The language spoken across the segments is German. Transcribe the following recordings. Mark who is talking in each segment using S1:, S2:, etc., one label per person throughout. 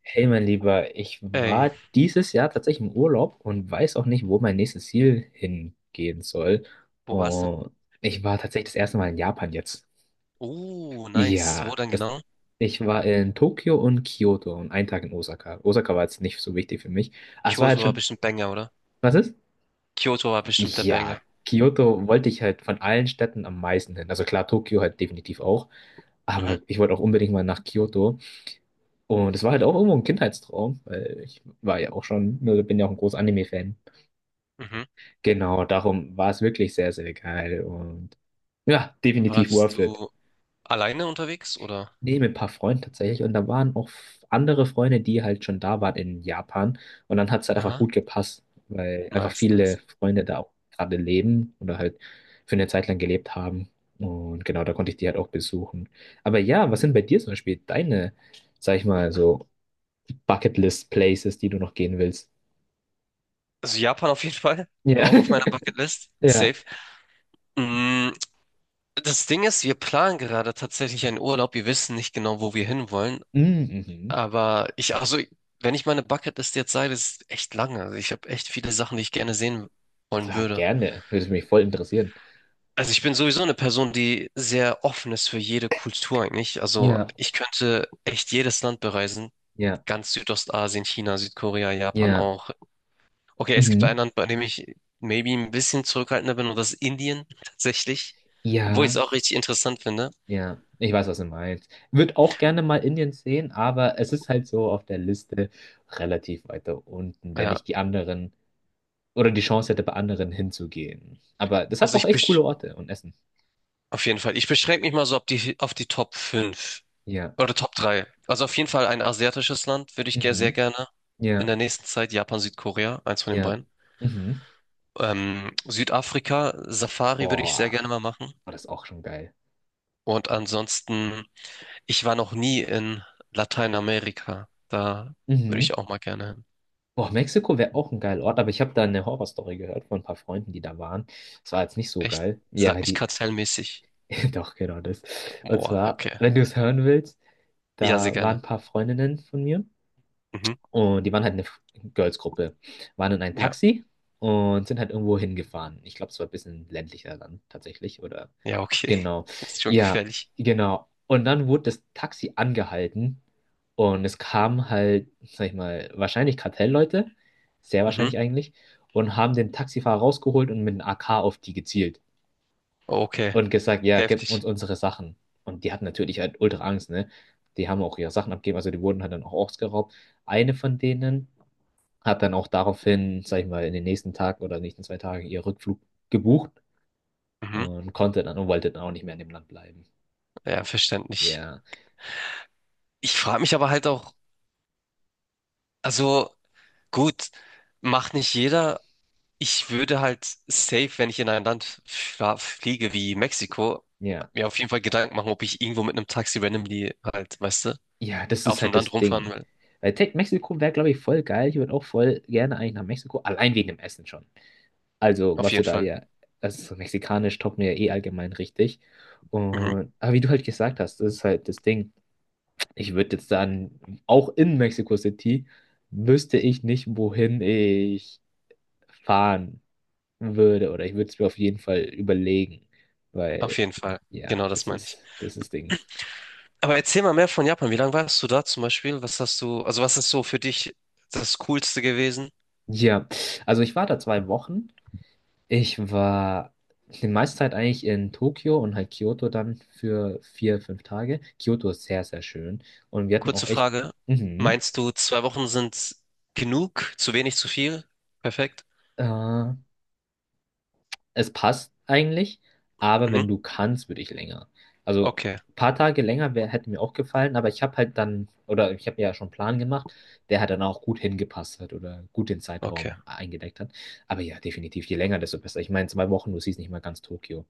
S1: Hey, mein Lieber, ich war
S2: Ey,
S1: dieses Jahr tatsächlich im Urlaub und weiß auch nicht, wo mein nächstes Ziel hingehen soll.
S2: wo warst du?
S1: Und ich war tatsächlich das erste Mal in Japan jetzt.
S2: Oh, nice. Wo
S1: Ja,
S2: denn genau?
S1: ich war in Tokio und Kyoto und einen Tag in Osaka. Osaka war jetzt nicht so wichtig für mich. Ah, es war halt
S2: Kyoto war
S1: schon.
S2: bestimmt Banger, oder?
S1: Was ist?
S2: Kyoto war bestimmt der
S1: Ja,
S2: Banger.
S1: Kyoto wollte ich halt von allen Städten am meisten hin. Also klar, Tokio halt definitiv auch.
S2: Mhm,
S1: Aber ich wollte auch unbedingt mal nach Kyoto. Und es war halt auch irgendwo ein Kindheitstraum, weil ich war ja auch schon, ne, bin ja auch ein großer Anime-Fan.
S2: mhm.
S1: Genau, darum war es wirklich sehr, sehr geil und ja, definitiv
S2: Warst
S1: worth it.
S2: du alleine unterwegs, oder?
S1: Nee, mit ein paar Freunden tatsächlich und da waren auch andere Freunde, die halt schon da waren in Japan und dann hat es halt einfach
S2: Aha,
S1: gut gepasst, weil einfach
S2: nice,
S1: viele
S2: nice.
S1: Freunde da auch gerade leben oder halt für eine Zeit lang gelebt haben und genau, da konnte ich die halt auch besuchen. Aber ja, was sind bei dir zum Beispiel deine, sag ich mal, so Bucketlist-Places, die du noch gehen willst?
S2: Also Japan auf jeden Fall.
S1: Ja.
S2: Auch auf meiner Bucketlist.
S1: Ja.
S2: Safe. Mm, das Ding ist, wir planen gerade tatsächlich einen Urlaub. Wir wissen nicht genau, wo wir hinwollen.
S1: Mm, mhm.
S2: Aber also, wenn ich meine Bucketlist jetzt sage, das ist echt lange. Also ich habe echt viele Sachen, die ich gerne sehen wollen
S1: Sag
S2: würde.
S1: gerne. Würde mich voll interessieren.
S2: Also ich bin sowieso eine Person, die sehr offen ist für jede Kultur eigentlich. Also
S1: Ja.
S2: ich könnte echt jedes Land bereisen.
S1: Ja.
S2: Ganz Südostasien, China, Südkorea, Japan
S1: Ja.
S2: auch. Okay, es gibt ein
S1: Mhm.
S2: Land, bei dem ich maybe ein bisschen zurückhaltender bin, und das ist Indien tatsächlich. Obwohl ich es
S1: Ja.
S2: auch richtig interessant finde.
S1: Ja. Ich weiß, was du meinst. Würde auch gerne mal Indien sehen, aber es ist halt so auf der Liste relativ weiter unten, wenn
S2: Ja,
S1: ich die anderen oder die Chance hätte, bei anderen hinzugehen. Aber das hat
S2: also
S1: auch
S2: ich
S1: echt coole
S2: besch
S1: Orte und Essen.
S2: auf jeden Fall. Ich beschränke mich mal so auf die Top 5
S1: Ja.
S2: oder Top 3. Also auf jeden Fall ein asiatisches Land würde ich sehr
S1: Mhm.
S2: gerne in
S1: Ja.
S2: der nächsten Zeit. Japan, Südkorea, eins von den
S1: Ja.
S2: beiden.
S1: Mhm.
S2: Südafrika, Safari würde ich sehr
S1: Boah.
S2: gerne mal machen.
S1: War das ist auch schon geil.
S2: Und ansonsten, ich war noch nie in Lateinamerika. Da würde
S1: Mhm.
S2: ich auch mal gerne hin.
S1: Boah, Mexiko wäre auch ein geiler Ort, aber ich habe da eine Horrorstory gehört von ein paar Freunden, die da waren. Es war jetzt nicht so
S2: Echt?
S1: geil. Ja,
S2: Sag
S1: weil
S2: nicht
S1: die.
S2: kartellmäßig.
S1: Doch, genau das. Und
S2: Boah,
S1: zwar,
S2: okay.
S1: wenn du es hören willst,
S2: Ja, sehr
S1: da waren
S2: gerne.
S1: ein paar Freundinnen von mir
S2: Mhm.
S1: und die waren halt eine Girls-Gruppe. Waren in ein
S2: Ja,
S1: Taxi und sind halt irgendwo hingefahren. Ich glaube, es war ein bisschen ländlicher dann tatsächlich oder
S2: ja, okay.
S1: genau.
S2: Ist schon
S1: Ja,
S2: gefährlich.
S1: genau. Und dann wurde das Taxi angehalten und es kamen halt, sag ich mal, wahrscheinlich Kartellleute, sehr
S2: Mhm.
S1: wahrscheinlich eigentlich, und haben den Taxifahrer rausgeholt und mit einem AK auf die gezielt
S2: Okay,
S1: und gesagt, ja, gib
S2: heftig.
S1: uns unsere Sachen. Und die hatten natürlich halt ultra Angst, ne? Die haben auch ihre Sachen abgegeben, also die wurden halt dann auch ausgeraubt. Eine von denen hat dann auch daraufhin, sag ich mal, in den nächsten Tag oder nächsten 2 Tagen ihren Rückflug gebucht
S2: Mhm.
S1: und konnte dann und wollte dann auch nicht mehr in dem Land bleiben.
S2: Ja, verständlich.
S1: Ja.
S2: Ich frage mich aber halt auch, also gut, macht nicht jeder. Ich würde halt safe, wenn ich in ein Land fliege wie Mexiko,
S1: Ja.
S2: mir auf jeden Fall Gedanken machen, ob ich irgendwo mit einem Taxi randomly halt, weißt du,
S1: Ja, das
S2: auf
S1: ist
S2: dem
S1: halt
S2: Land
S1: das
S2: rumfahren
S1: Ding.
S2: will.
S1: Weil Tech Mexiko wäre, glaube ich, voll geil. Ich würde auch voll gerne eigentlich nach Mexiko, allein wegen dem Essen schon. Also,
S2: Auf
S1: was du
S2: jeden
S1: da
S2: Fall.
S1: ja, also mexikanisch taugt mir ja eh allgemein richtig.
S2: Mhm.
S1: Und, aber wie du halt gesagt hast, das ist halt das Ding. Ich würde jetzt dann, auch in Mexico City, wüsste ich nicht, wohin ich fahren würde. Oder ich würde es mir auf jeden Fall überlegen. Weil,
S2: Auf jeden Fall.
S1: ja,
S2: Genau das
S1: das
S2: meine ich.
S1: ist, das ist das Ding.
S2: Aber erzähl mal mehr von Japan. Wie lange warst du da zum Beispiel? Was hast du, also was ist so für dich das Coolste gewesen?
S1: Ja, also ich war da 2 Wochen. Ich war die meiste Zeit eigentlich in Tokio und halt Kyoto dann für 4, 5 Tage. Kyoto ist sehr, sehr schön. Und wir hatten auch
S2: Kurze
S1: echt,
S2: Frage.
S1: mhm,
S2: Meinst du, 2 Wochen sind genug? Zu wenig, zu viel? Perfekt.
S1: äh, es passt eigentlich, aber
S2: Mhm.
S1: wenn du kannst, würde ich länger. Also
S2: Okay,
S1: ein paar Tage länger wär, hätte mir auch gefallen, aber ich habe halt dann, oder ich habe ja schon einen Plan gemacht, der hat dann auch gut hingepasst hat oder gut den
S2: okay.
S1: Zeitraum eingedeckt hat. Aber ja, definitiv, je länger, desto besser. Ich meine, 2 Wochen, du siehst nicht mal ganz Tokio.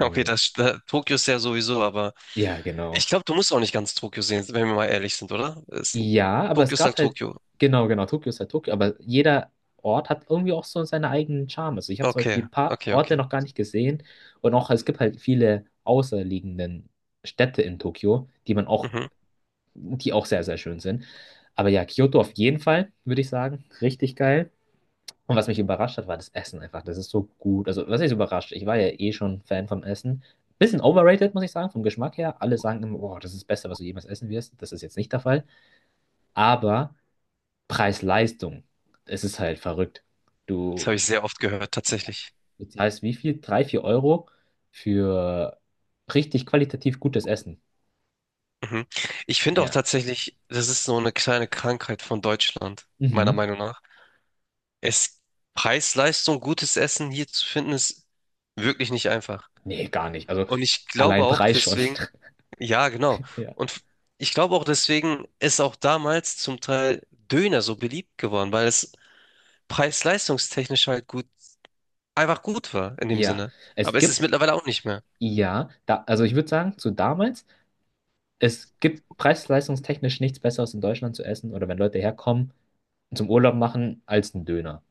S2: Okay, Tokio ist ja sowieso, aber.
S1: ja,
S2: Ich
S1: genau.
S2: glaube, du musst auch nicht ganz Tokio sehen, wenn wir mal ehrlich sind, oder?
S1: Ja, aber es
S2: Tokio ist halt
S1: gab halt,
S2: Tokio.
S1: genau, genau, Tokio ist halt Tokio, aber jeder Ort hat irgendwie auch so seinen eigenen Charme. Also ich habe zum Beispiel
S2: Okay,
S1: ein paar
S2: okay,
S1: Orte
S2: okay.
S1: noch gar nicht gesehen und auch es gibt halt viele außerliegenden Städte in Tokio, die man auch,
S2: Mhm.
S1: die auch sehr, sehr schön sind. Aber ja, Kyoto auf jeden Fall, würde ich sagen, richtig geil. Und was mich überrascht hat, war das Essen einfach. Das ist so gut. Also, was ist überrascht? Ich war ja eh schon Fan vom Essen. Bisschen overrated, muss ich sagen, vom Geschmack her. Alle sagen immer, oh, das ist das Beste, was du jemals essen wirst. Das ist jetzt nicht der Fall. Aber Preis-Leistung. Es ist halt verrückt.
S2: Das habe
S1: Du,
S2: ich sehr oft gehört,
S1: ja,
S2: tatsächlich.
S1: bezahlst wie viel? 3, 4 Euro für richtig qualitativ gutes Essen.
S2: Mhm. Ich finde auch
S1: Ja.
S2: tatsächlich, das ist so eine kleine Krankheit von Deutschland, meiner
S1: Mhm.
S2: Meinung nach. Es Preis-Leistung, gutes Essen hier zu finden, ist wirklich nicht einfach.
S1: Nee, gar nicht. Also
S2: Und ich glaube
S1: allein
S2: auch
S1: Preis schon.
S2: deswegen, ja, genau.
S1: Ja.
S2: Und ich glaube auch deswegen ist auch damals zum Teil Döner so beliebt geworden, weil es preis-leistungstechnisch halt gut einfach gut war in dem
S1: Ja.
S2: Sinne. Aber
S1: Es
S2: es ist
S1: gibt,
S2: mittlerweile auch nicht mehr.
S1: ja, da, also ich würde sagen, zu damals, es gibt preis-leistungstechnisch nichts Besseres in Deutschland zu essen oder wenn Leute herkommen und zum Urlaub machen als ein Döner.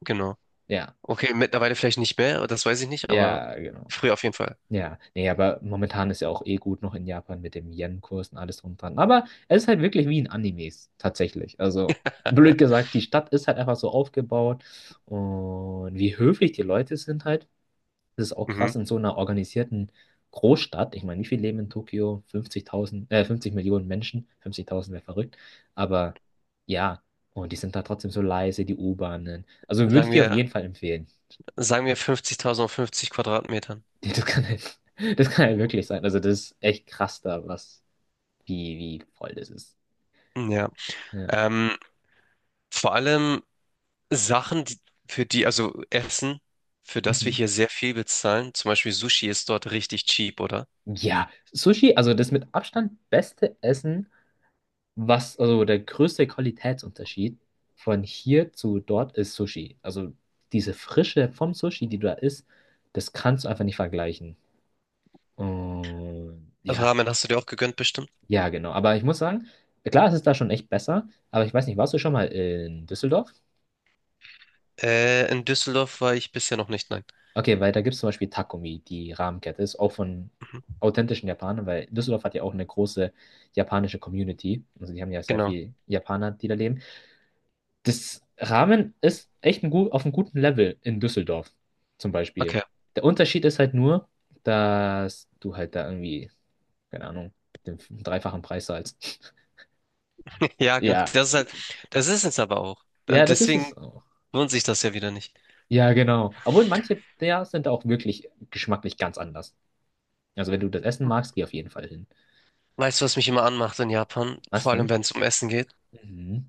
S2: Genau.
S1: Ja.
S2: Okay, mittlerweile vielleicht nicht mehr, das weiß ich nicht, aber
S1: Ja, genau.
S2: früher auf jeden Fall.
S1: Ja, nee, aber momentan ist ja auch eh gut noch in Japan mit dem Yen-Kurs und alles drum und dran. Aber es ist halt wirklich wie in Animes, tatsächlich. Also, blöd gesagt, die Stadt ist halt einfach so aufgebaut und wie höflich die Leute sind halt. Das ist auch krass
S2: Mhm.
S1: in so einer organisierten Großstadt. Ich meine, wie viele leben in Tokio? 50.000, 50 Millionen Menschen. 50.000 wäre verrückt. Aber ja, und die sind da trotzdem so leise, die U-Bahnen. Also würde ich
S2: Sagen
S1: dir auf
S2: wir,
S1: jeden Fall empfehlen.
S2: sagen wir 50.000 auf 50 Quadratmetern.
S1: Ja, das kann halt, das kann halt wirklich sein. Also das ist echt krass da, was, wie, wie voll das ist.
S2: Ja.
S1: Ja.
S2: Ähm, vor allem Sachen, die, für die, also Essen, für das wir
S1: Mhm.
S2: hier sehr viel bezahlen. Zum Beispiel Sushi ist dort richtig cheap, oder?
S1: Ja, Sushi, also das mit Abstand beste Essen, was, also der größte Qualitätsunterschied von hier zu dort ist Sushi. Also diese Frische vom Sushi, die da ist, das kannst du einfach nicht vergleichen. Und
S2: Also
S1: ja,
S2: Ramen hast du dir auch gegönnt, bestimmt?
S1: ja, genau. Aber ich muss sagen, klar, es ist da schon echt besser, aber ich weiß nicht, warst du schon mal in Düsseldorf?
S2: In Düsseldorf war ich bisher noch nicht, nein.
S1: Okay, weil da gibt es zum Beispiel Takumi, die Rahmenkette, ist auch von
S2: Mhm.
S1: authentischen Japanern, weil Düsseldorf hat ja auch eine große japanische Community. Also die haben ja sehr
S2: Genau.
S1: viel Japaner, die da leben. Das Ramen ist echt ein gut, auf einem guten Level in Düsseldorf zum Beispiel.
S2: Okay.
S1: Der Unterschied ist halt nur, dass du halt da irgendwie, keine Ahnung, den dreifachen Preis zahlst.
S2: Ja, genau.
S1: Ja,
S2: Das ist halt, das ist es aber auch.
S1: ja,
S2: Und
S1: das ist
S2: deswegen
S1: es auch.
S2: lohnt sich das ja wieder nicht.
S1: Ja, genau. Obwohl manche der sind auch wirklich geschmacklich ganz anders. Also wenn du das Essen magst, geh auf jeden Fall hin.
S2: Weißt du, was mich immer anmacht in Japan?
S1: Was
S2: Vor allem,
S1: denn?
S2: wenn es um Essen geht.
S1: Mhm.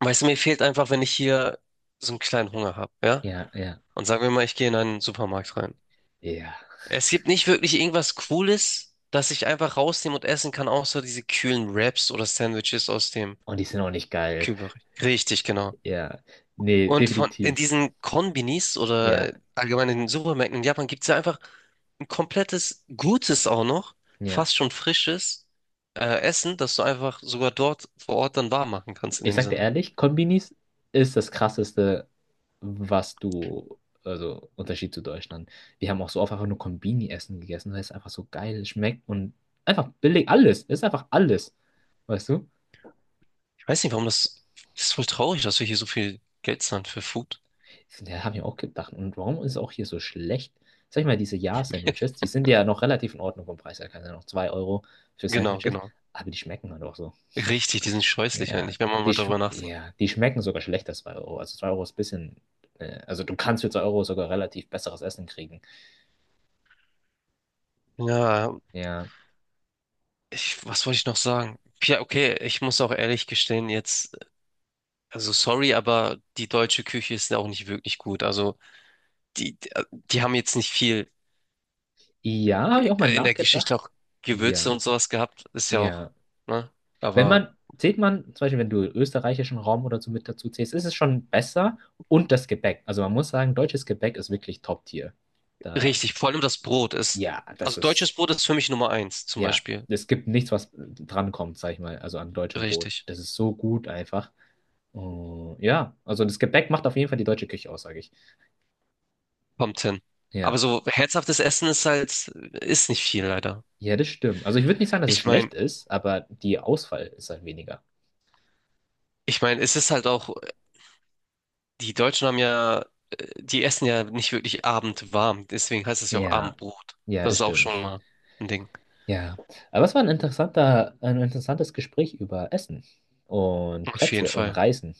S2: Weißt du, mir fehlt einfach, wenn ich hier so einen kleinen Hunger habe, ja?
S1: Ja, ja,
S2: Und sagen wir mal, ich gehe in einen Supermarkt rein.
S1: ja.
S2: Es gibt nicht wirklich irgendwas Cooles, das ich einfach rausnehmen und essen kann, außer diese kühlen Wraps oder Sandwiches aus dem
S1: Und die sind auch nicht geil.
S2: Kühlbereich. Richtig, genau.
S1: Ja, nee,
S2: In
S1: definitiv.
S2: diesen Konbinis oder
S1: Ja,
S2: allgemein in den Supermärkten in Japan gibt es ja einfach ein komplettes gutes auch noch,
S1: ja.
S2: fast schon frisches Essen, das du einfach sogar dort vor Ort dann warm machen kannst in
S1: Ich
S2: dem
S1: sag dir
S2: Sinne.
S1: ehrlich, Konbinis ist das Krasseste, was du, also Unterschied zu Deutschland. Wir haben auch so oft einfach nur Konbini-Essen gegessen, weil es einfach so geil schmeckt und einfach billig alles. Es ist einfach alles. Weißt du?
S2: Ich weiß nicht, warum das, das ist voll traurig, dass wir hier so viel Geld zahlen für Food.
S1: Ja, habe ich auch gedacht. Und warum ist es auch hier so schlecht? Sag ich mal, diese Ja-Sandwiches, die sind ja noch relativ in Ordnung vom Preis her. Keine Ahnung, 2 Euro für
S2: Genau,
S1: Sandwiches,
S2: genau.
S1: aber die schmecken halt auch so.
S2: Richtig, die sind scheußlich
S1: Ja,
S2: eigentlich, wenn man
S1: die,
S2: mal
S1: sch
S2: darüber nachdenkt.
S1: ja, die schmecken sogar schlechter, als 2 Euro. Also 2 Euro ist ein bisschen, also du kannst für 2 Euro sogar relativ besseres Essen kriegen.
S2: Ja,
S1: Ja,
S2: was wollte ich noch sagen? Ja, okay, ich muss auch ehrlich gestehen, jetzt, also sorry, aber die deutsche Küche ist ja auch nicht wirklich gut. Also die, die haben jetzt nicht viel
S1: ja, habe ich auch mal
S2: in der
S1: nachgedacht.
S2: Geschichte auch Gewürze
S1: Ja,
S2: und sowas gehabt, ist ja auch,
S1: ja.
S2: ne?
S1: Wenn
S2: Aber
S1: man, zählt man, zum Beispiel, wenn du österreichischen Raum oder so mit dazu zählst, ist es schon besser. Und das Gebäck. Also man muss sagen, deutsches Gebäck ist wirklich Top-Tier. Da,
S2: richtig, vor allem das Brot ist,
S1: ja, das
S2: also deutsches
S1: ist,
S2: Brot ist für mich Nummer eins, zum
S1: ja,
S2: Beispiel.
S1: es gibt nichts, was drankommt, sag ich mal, also an deutschem Brot.
S2: Richtig,
S1: Das ist so gut einfach. Oh, ja, also das Gebäck macht auf jeden Fall die deutsche Küche aus, sage ich.
S2: kommt hin. Aber
S1: Ja,
S2: so herzhaftes Essen ist halt, ist nicht viel leider.
S1: ja, das stimmt. Also ich würde nicht sagen, dass es
S2: Ich meine,
S1: schlecht ist, aber die Auswahl ist halt weniger.
S2: ich meine, es ist halt auch, die Deutschen haben ja, die essen ja nicht wirklich abendwarm, deswegen heißt es ja auch
S1: Ja,
S2: Abendbrot.
S1: ja,
S2: Das
S1: das
S2: ist auch schon
S1: stimmt.
S2: mal ein Ding.
S1: Ja, aber es war ein interessanter, ein interessantes Gespräch über Essen und
S2: Auf jeden
S1: Plätze und
S2: Fall.
S1: Reisen.